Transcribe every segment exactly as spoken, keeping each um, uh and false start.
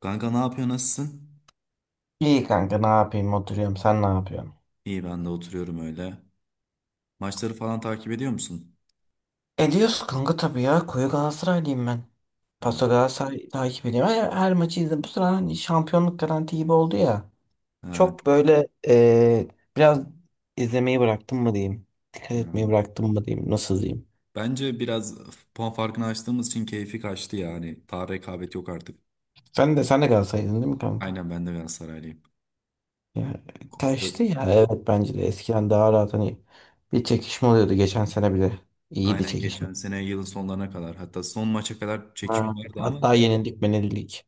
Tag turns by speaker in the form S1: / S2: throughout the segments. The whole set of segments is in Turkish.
S1: Kanka ne yapıyor nasılsın?
S2: İyi kanka ne yapayım oturuyorum sen ne yapıyorsun?
S1: İyi ben de oturuyorum öyle. Maçları falan takip ediyor musun?
S2: Ediyoruz kanka tabii ya koyu Galatasaraylıyım ben.
S1: Ha,
S2: Paso Galatasaray takip ediyorum. Her, her maçı izledim. Bu sıra hani şampiyonluk garanti gibi oldu ya.
S1: ha,
S2: Çok böyle eee, biraz izlemeyi bıraktım mı diyeyim. Dikkat
S1: ha.
S2: etmeyi bıraktım mı diyeyim. Nasıl diyeyim.
S1: Bence biraz puan farkını açtığımız için keyfi kaçtı yani. Daha rekabet yok artık.
S2: Sen de sen de Galatasaray'dın değil mi kanka?
S1: Aynen ben de Galatasaraylıyım.
S2: Ya, kaçtı
S1: Bu-
S2: ya. Evet bence de eskiden daha rahat hani bir çekişme oluyordu. Geçen sene bile iyiydi
S1: Aynen
S2: çekişme.
S1: geçen sene yılın sonlarına kadar hatta son maça kadar
S2: Ha.
S1: çekişme vardı ama
S2: Hatta yenildik menildik.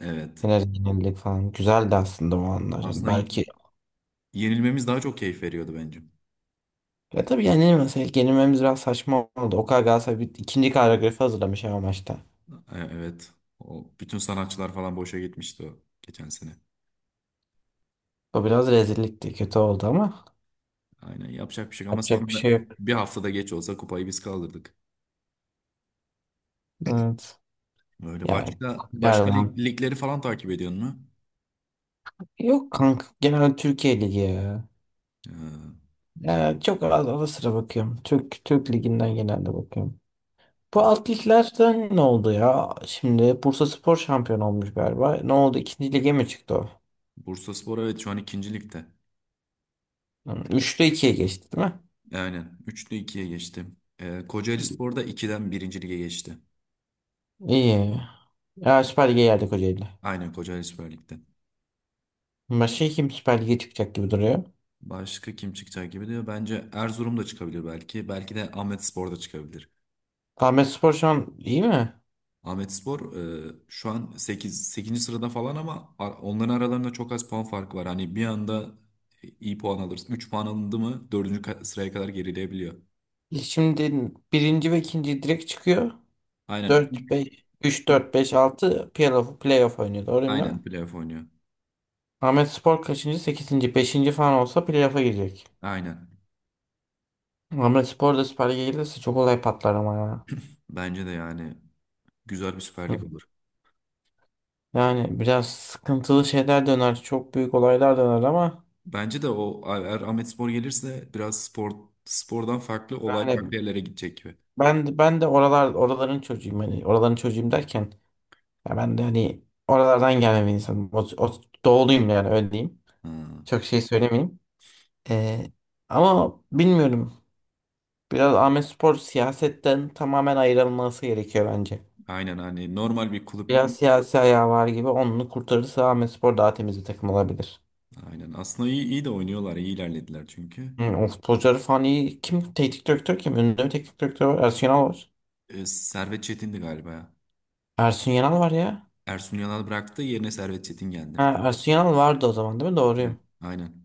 S1: evet.
S2: Biraz yenilik falan. Güzeldi aslında o anlar. Yani
S1: Aslında y-
S2: belki.
S1: yenilmemiz daha çok keyif veriyordu bence.
S2: Ya, tabii yenilmeseydik yenilmemiz biraz saçma oldu. O kadar Galatasaray bir ikinci koreografi hazırlamış ama maçta.
S1: E- Evet. O, bütün sanatçılar falan boşa gitmişti o geçen sene.
S2: O biraz rezillikti. Kötü oldu ama
S1: Aynen yapacak bir şey yok ama
S2: yapacak bir
S1: sonunda
S2: şey yok.
S1: bir haftada geç olsa kupayı biz kaldırdık.
S2: Evet.
S1: Öyle
S2: Yani
S1: başka başka lig-
S2: yardım.
S1: ligleri falan takip ediyorsun mu?
S2: Yok kanka genel Türkiye Ligi ya.
S1: Ee,
S2: Yani çok az ara sıra bakıyorum. Türk Türk Ligi'nden genelde bakıyorum. Bu
S1: e,
S2: alt liglerden ne oldu ya? Şimdi Bursaspor şampiyon olmuş galiba. Ne oldu? İkinci lige mi çıktı o?
S1: Bursaspor evet şu an ikinci ligde.
S2: Hı, üçte ikiye geçti değil mi?
S1: Aynen üçten ikiye geçti. Ee, Kocaelispor da iki'den birinci lige geçti.
S2: İyi. Ya Süper Lig'e geldik Kocaeli'ne.
S1: Aynen Kocaeli Kocaelispor Lig'de.
S2: Başka kim Süper Lig'e çıkacak gibi duruyor.
S1: Başka kim çıkacak gibi diyor. Bence Erzurum da çıkabilir belki. Belki de Ahmetspor da çıkabilir.
S2: Ahmetspor şu an iyi mi?
S1: Ahmetspor e, şu an sekiz sekizinci sırada falan ama ar- onların aralarında çok az puan farkı var. Hani bir anda iyi puan alırız. Üç puan alındı mı dördüncü ka- sıraya kadar gerileyebiliyor.
S2: Şimdi birinci ve ikinci direkt çıkıyor.
S1: Aynen.
S2: Dört beş üç dört beş altı playoff, playoff oynuyor. Doğru değil
S1: Aynen
S2: mi?
S1: playoff oynuyor.
S2: Ahmetspor kaçıncı? sekizinci. beşinci falan olsa playoff'a girecek.
S1: Aynen.
S2: Ahmetspor da Süper Lig'e gelirse çok olay patlar ama ya.
S1: Bence de yani güzel bir Süper Lig olur.
S2: Yani biraz sıkıntılı şeyler döner. Çok büyük olaylar döner ama
S1: Bence de o eğer Ahmetspor gelirse biraz spor spordan farklı olay
S2: yani
S1: farklı yerlere gidecek gibi.
S2: ben ben de oralar oraların çocuğuyum, hani oraların çocuğuyum derken ya ben de hani oralardan gelme bir insanım. O, o, doğuluyum yani, öyle diyeyim.
S1: Ha,
S2: Çok şey söylemeyeyim. Ee, ama bilmiyorum. Biraz Ahmetspor siyasetten tamamen ayrılması gerekiyor bence.
S1: aynen hani normal bir kulüp.
S2: Biraz siyasi ayağı var gibi, onu kurtarırsa Ahmetspor daha temiz bir takım olabilir.
S1: Aynen. Aslında iyi iyi de oynuyorlar. İyi ilerlediler çünkü.
S2: Hı, o futbolcuları falan iyi. Kim? Teknik direktör kim? Ünlü bir teknik direktör var. Ersun Yanal var.
S1: E, Servet Çetin'di galiba ya.
S2: Ersun Yanal var ya.
S1: Ersun Yanal bıraktı. Yerine Servet Çetin geldi.
S2: Ha, Ersun Yanal vardı o zaman değil mi?
S1: Aynen.
S2: Doğruyum.
S1: Aynen.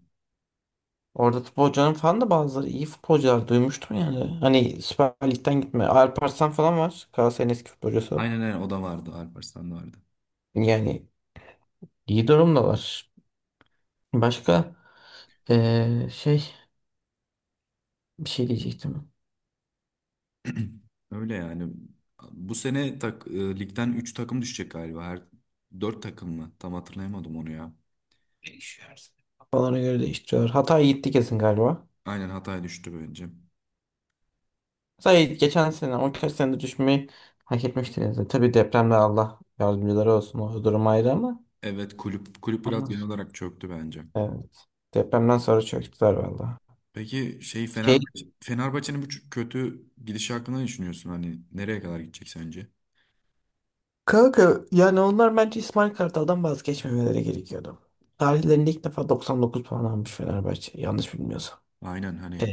S2: Orada futbolcuların falan da bazıları iyi futbolcular duymuştum yani. Hani Süper Lig'den gitme. Alparslan falan var. Galatasaray'ın eski futbolcusu.
S1: Aynen aynen o da vardı. Alparslan da vardı.
S2: Yani iyi durumda var. Başka eee, şey bir şey diyecektim.
S1: Öyle yani. Bu sene tak, e, ligden üç takım düşecek galiba. Her dört takım mı? Tam hatırlayamadım onu ya.
S2: Değişiyor her sene. Kafalarına göre değiştiriyorlar. Hatay gitti kesin galiba.
S1: Aynen Hatay düştü bence.
S2: Hatay geçen sene on iki senede düşmeyi hak etmişti. Yani. Tabii depremde Allah yardımcıları olsun. O durum ayrı ama.
S1: Evet kulüp kulüp biraz
S2: Anladım.
S1: genel olarak çöktü bence.
S2: Evet. Depremden sonra çöktüler valla.
S1: Peki şey Fenerbahçe Fenerbahçe'nin bu ç- kötü gidişi hakkında ne düşünüyorsun? Hani nereye kadar gidecek sence?
S2: Kanka yani onlar bence İsmail Kartal'dan vazgeçmemeleri gerekiyordu. Tarihlerinde ilk defa doksan dokuz puan almış Fenerbahçe yanlış bilmiyorsam.
S1: Aynen hani
S2: Ee,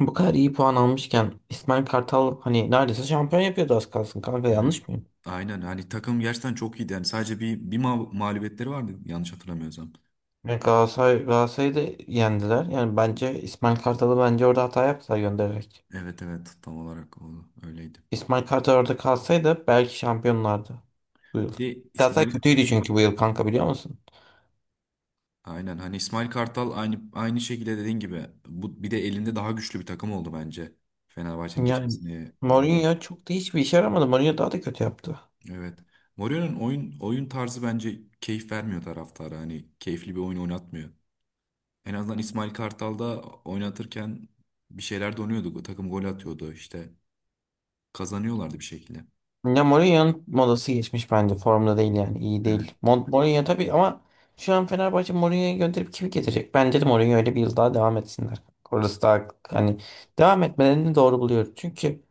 S2: bu kadar iyi puan almışken İsmail Kartal hani neredeyse şampiyon yapıyordu az kalsın kanka, yanlış mıyım?
S1: Aynen hani takım gerçekten çok iyiydi. Yani sadece bir bir ma- mağlubiyetleri vardı yanlış hatırlamıyorsam.
S2: Yani Galatasaray, Galatasaray'ı da yendiler. Yani bence İsmail Kartal'ı bence orada hata yaptılar göndererek.
S1: Evet evet tam olarak o öyleydi.
S2: İsmail Kartal orada kalsaydı belki şampiyonlardı bu yıl.
S1: Bir de
S2: Galatasaray
S1: İsmail
S2: kötüydü çünkü bu yıl kanka, biliyor musun?
S1: aynen hani İsmail Kartal aynı aynı şekilde dediğin gibi bu bir de elinde daha güçlü bir takım oldu bence Fenerbahçe'nin geçen
S2: Yani
S1: seneye oranla.
S2: Mourinho çok da hiçbir işe yaramadı. Mourinho daha da kötü yaptı.
S1: Evet. Mourinho'nun oyun oyun tarzı bence keyif vermiyor taraftara. Hani keyifli bir oyun oynatmıyor. En azından İsmail Kartal'da oynatırken bir şeyler donuyordu. Takım gol atıyordu işte. Kazanıyorlardı bir şekilde.
S2: Ya Mourinho'nun modası geçmiş bence. Formda değil yani. İyi değil. Mo- Mourinho tabii, ama şu an Fenerbahçe Mourinho'yu gönderip kimi getirecek? Bence de Mourinho öyle bir yıl daha devam etsinler. Orası daha hani devam etmelerini doğru buluyorum. Çünkü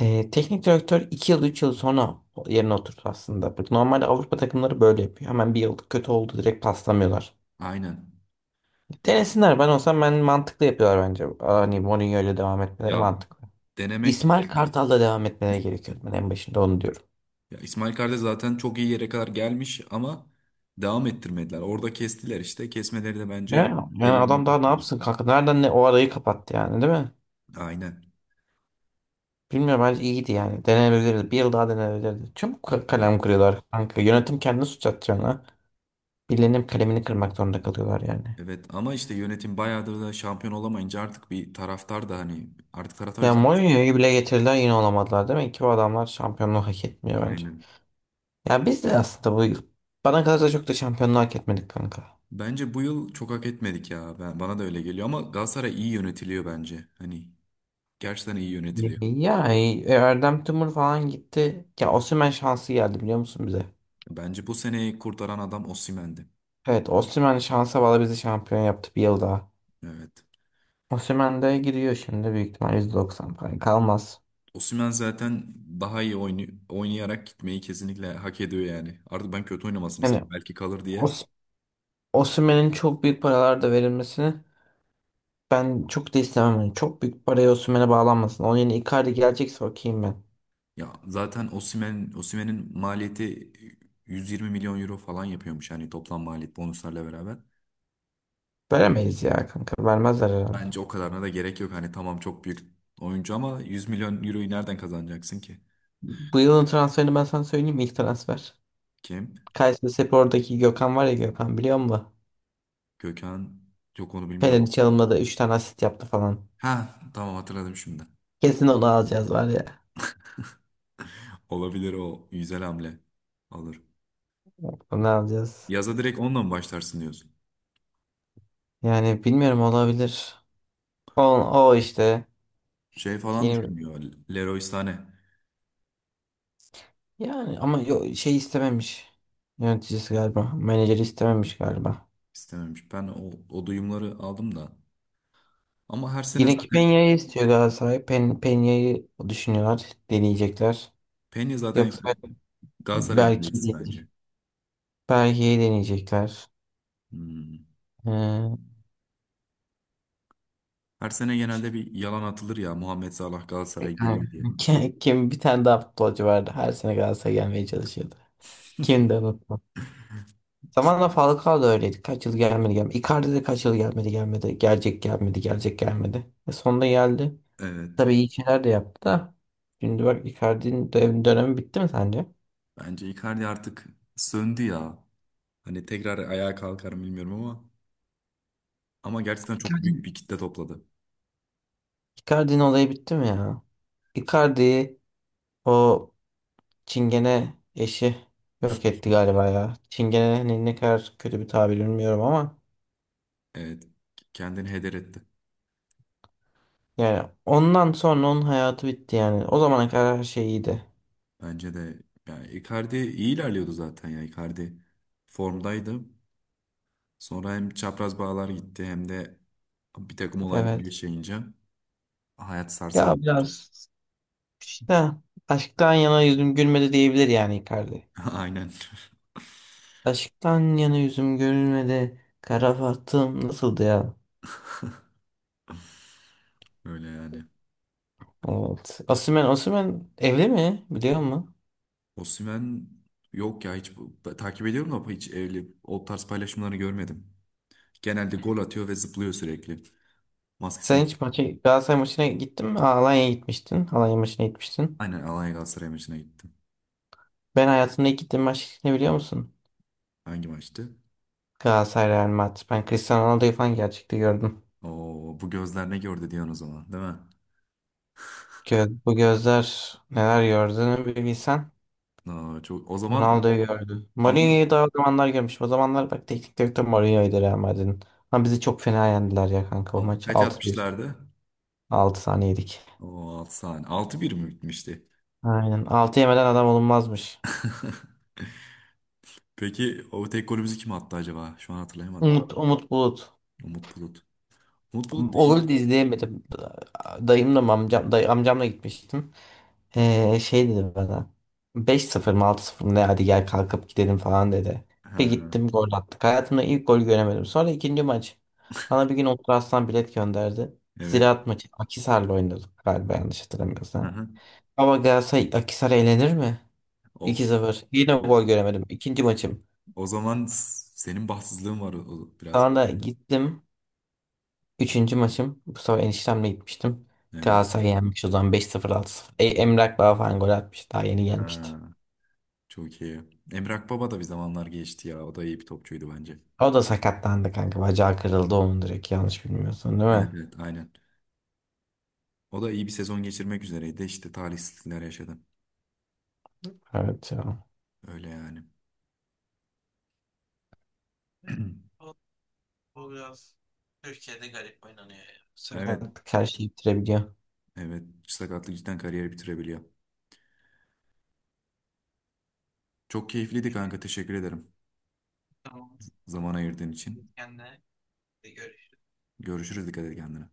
S2: ee, teknik direktör iki yıl üç yıl sonra yerine oturdu aslında. Bak, normalde Avrupa takımları böyle yapıyor. Hemen bir yıl kötü oldu direkt paslamıyorlar.
S1: Aynen.
S2: Denesinler, ben olsam ben mantıklı yapıyorlar bence. Hani Mourinho ile devam etmeleri
S1: Ya
S2: mantıklı.
S1: denemek
S2: İsmail Kartal'la devam etmeleri gerekiyordu. Ben en başında onu diyorum.
S1: ya İsmail Kardeş zaten çok iyi yere kadar gelmiş ama devam ettirmediler. Orada kestiler işte. Kesmeleri de
S2: Ya,
S1: bence
S2: yani
S1: ellerini
S2: adam daha ne
S1: kesti.
S2: yapsın kanka? Nereden ne, o arayı kapattı yani, değil mi?
S1: Aynen.
S2: Bilmiyorum, bence iyiydi yani. Denenebilirdi. Bir yıl daha denenebilirdi. Çabuk ka-
S1: Evet.
S2: kalem kırıyorlar kanka. Yönetim kendini suç atacağına birilerinin kalemini kırmak zorunda kalıyorlar yani.
S1: Evet ama işte yönetim bayağıdır da şampiyon olamayınca artık bir taraftar da hani artık taraftar
S2: Ya
S1: ciddi.
S2: Mourinho'yu bile getirdiler yine olamadılar. Demek ki bu adamlar şampiyonluğu hak etmiyor bence.
S1: Aynen.
S2: Ya biz de aslında bu yıl bana kalırsa çok da şampiyonluğu hak etmedik kanka.
S1: Bence bu yıl çok hak etmedik ya. Ben, bana da öyle geliyor ama Galatasaray iyi yönetiliyor bence. Hani gerçekten iyi yönetiliyor.
S2: Ya e, Erdem Tümur falan gitti. Ya Osimhen şansı geldi, biliyor musun bize?
S1: Bence bu seneyi kurtaran adam Osimhen'di.
S2: Evet, Osimhen şansa bağlı bizi şampiyon yaptı bir yıl daha.
S1: Evet.
S2: Osimhen de gidiyor şimdi, büyük ihtimal yüzde doksan falan kalmaz.
S1: Osimhen zaten daha iyi oynu- oynayarak gitmeyi kesinlikle hak ediyor yani. Artık ben kötü oynamasını
S2: Yani
S1: istedim. Belki kalır diye.
S2: Os Osimhen'in çok büyük paralar da verilmesini ben çok da istemem. Yani çok büyük paraya Osimhen'e bağlanmasın. Onun yerine Icardi gelecekse okeyim ben.
S1: Ya zaten Osimhen Osimhen'in maliyeti yüz yirmi milyon euro falan yapıyormuş hani toplam maliyet bonuslarla beraber.
S2: Veremeyiz ya kanka. Vermezler herhalde.
S1: Bence o kadarına da gerek yok. Hani tamam çok büyük oyuncu ama yüz milyon euroyu nereden kazanacaksın ki?
S2: Bu yılın transferini ben sana söyleyeyim mi? İlk transfer.
S1: Kim?
S2: Kayserispor'daki Gökhan var ya, Gökhan biliyor musun?
S1: Gökhan. Yok onu
S2: Fener'in
S1: bilmiyorum.
S2: çalımladı, üç tane asist yaptı falan.
S1: Ha tamam hatırladım şimdi.
S2: Kesin onu alacağız var ya.
S1: Olabilir o güzel hamle. Alır.
S2: Onu alacağız.
S1: Yaza direkt onunla mı başlarsın diyorsun?
S2: Yani bilmiyorum, olabilir. O, o işte.
S1: Şey falan
S2: Yeni,
S1: düşünüyor. Leroy Sané
S2: yani ama yo- şey istememiş. Yöneticisi galiba. Menajeri istememiş galiba.
S1: istememiş. Ben o, o duyumları aldım da. Ama her sene
S2: Yine ki
S1: zaten
S2: Peña'yı istiyor Galatasaray. Pen, Peña'yı düşünüyorlar. Deneyecekler.
S1: Peña zaten
S2: Yoksa
S1: Galatasaray'ın
S2: belki
S1: kalecisi
S2: değil.
S1: bence.
S2: Belgeyi deneyecekler.
S1: Hmm.
S2: Ee,
S1: Her sene genelde bir yalan atılır ya Muhammed Salah Galatasaray'a
S2: yani
S1: geliyor diye.
S2: kim, kim bir tane daha futbolcu vardı. Her sene Galatasaray'a gelmeye çalışıyordu. Kim de unutma. Zamanla Falcao da öyleydi. Kaç yıl gelmedi gelmedi. Icardi de kaç yıl gelmedi gelmedi. Gelecek gelmedi gelecek gelmedi. E sonunda geldi.
S1: Evet.
S2: Tabii iyi şeyler de yaptı da. Şimdi bak, Icardi'nin dö- dönemi bitti mi sence?
S1: Bence Icardi artık söndü ya. Hani tekrar ayağa kalkar mı bilmiyorum ama ama gerçekten çok
S2: Icardi
S1: büyük bir kitle topladı.
S2: Icardi'nin olayı bitti mi ya? Icardi'yi o Çingene eşi yok etti galiba ya. Çingene ne ne kadar kötü bir tabir bilmiyorum ama
S1: Evet. Kendini heder etti.
S2: yani ondan sonra onun hayatı bitti yani. O zamana kadar her şey iyiydi.
S1: Bence de yani Icardi iyi ilerliyordu zaten ya. Icardi formdaydı. Sonra hem çapraz bağlar gitti hem de bir takım olaylar
S2: Evet.
S1: yaşayınca hayat
S2: Ya
S1: sarsıldı bence.
S2: biraz işte aşktan yana yüzüm gülmedi diyebilir yani Icardi.
S1: Aynen
S2: Aşktan yana yüzüm gülmedi. Kara Fatım nasıldı ya?
S1: öyle yani.
S2: Evet. Osimhen, Osimhen evli mi? Biliyor musun?
S1: Osimhen yok ya hiç bu- ta- takip ediyorum ama hiç evli o tarz paylaşımlarını görmedim. Genelde gol atıyor ve zıplıyor sürekli. Maskesini.
S2: Sen hiç maça, Galatasaray maçına gittin mi? Aa, Alanya'ya gitmiştin. Alanya maçına gitmiştin.
S1: Aynen Alanya Galatasaray maçına gittim.
S2: Ben hayatımda ilk gittiğim maç ne, biliyor musun?
S1: Hangi maçtı?
S2: Galatasaray Real Madrid. Ben Cristiano Ronaldo'yu falan gerçekte gördüm.
S1: Oo bu gözler ne gördü diyorsun o zaman değil mi?
S2: Gö- bu gözler neler gördüğünü bir bilsen.
S1: Aa, çok o zaman
S2: Ronaldo'yu gördü.
S1: ama,
S2: Mourinho'yu daha o zamanlar görmüş. O zamanlar bak teknik direktör Mourinho'ydu Real Madrid'in. Ama bizi çok fena yendiler ya kanka o
S1: ama
S2: maç.
S1: kaç
S2: Altı bir,
S1: atmışlardı?
S2: altı tane yedik.
S1: O altı saniye. Altı bir mi bitmişti?
S2: Aynen. Altı yemeden adam olunmazmış.
S1: Peki o tek golümüzü kim attı acaba? Şu an hatırlayamadım.
S2: Umut, Umut Bulut.
S1: Umut Bulut. Umut Bulut
S2: O golü
S1: değil.
S2: de izleyemedim. Dayımla mı amcam, day, amcamla gitmiştim. Ee, şey dedi bana. Beş sıfır, mı altı sıfır mı ne, hadi gel kalkıp gidelim falan dedi. Bir
S1: Ha,
S2: gittim gol attık. Hayatımda ilk gol göremedim. Sonra ikinci maç. Bana bir gün Otur Aslan bilet gönderdi.
S1: evet.
S2: Ziraat maçı Akhisar'la oynadık galiba yanlış hatırlamıyorsam.
S1: Hı
S2: Ama Galatasaray Akhisar eğlenir mi?
S1: O,
S2: iki sıfır. Yine
S1: o,
S2: gol göremedim. İkinci maçım.
S1: o zaman s- senin bahtsızlığın var o, o biraz.
S2: Sonra gittim. Üçüncü maçım. Bu sefer eniştemle gitmiştim.
S1: Evet.
S2: Galatasaray yenmiş o zaman beş sıfır altı. sıfır E, Emrah Baba falan gol atmış. Daha yeni gelmişti.
S1: Ha, çok iyi. Emre Akbaba da bir zamanlar geçti ya. O da iyi bir topçuydu bence.
S2: O da sakatlandı kanka. Bacağı kırıldı onun direkt, yanlış bilmiyorsun değil mi?
S1: Evet evet aynen. O da iyi bir sezon geçirmek üzereydi. İşte talihsizlikler yaşadı.
S2: Evet ya.
S1: Öyle yani.
S2: O, o biraz Türkiye'de garip oynanıyor ya.
S1: Evet.
S2: Sakatlık her şeyi bitirebiliyor.
S1: Evet. Sakatlık cidden kariyeri bitirebiliyor. Çok keyifliydi kanka. Teşekkür ederim.
S2: Tamam. Tamam.
S1: Zaman ayırdığın için.
S2: Kendine de görüş.
S1: Görüşürüz. Dikkat et kendine.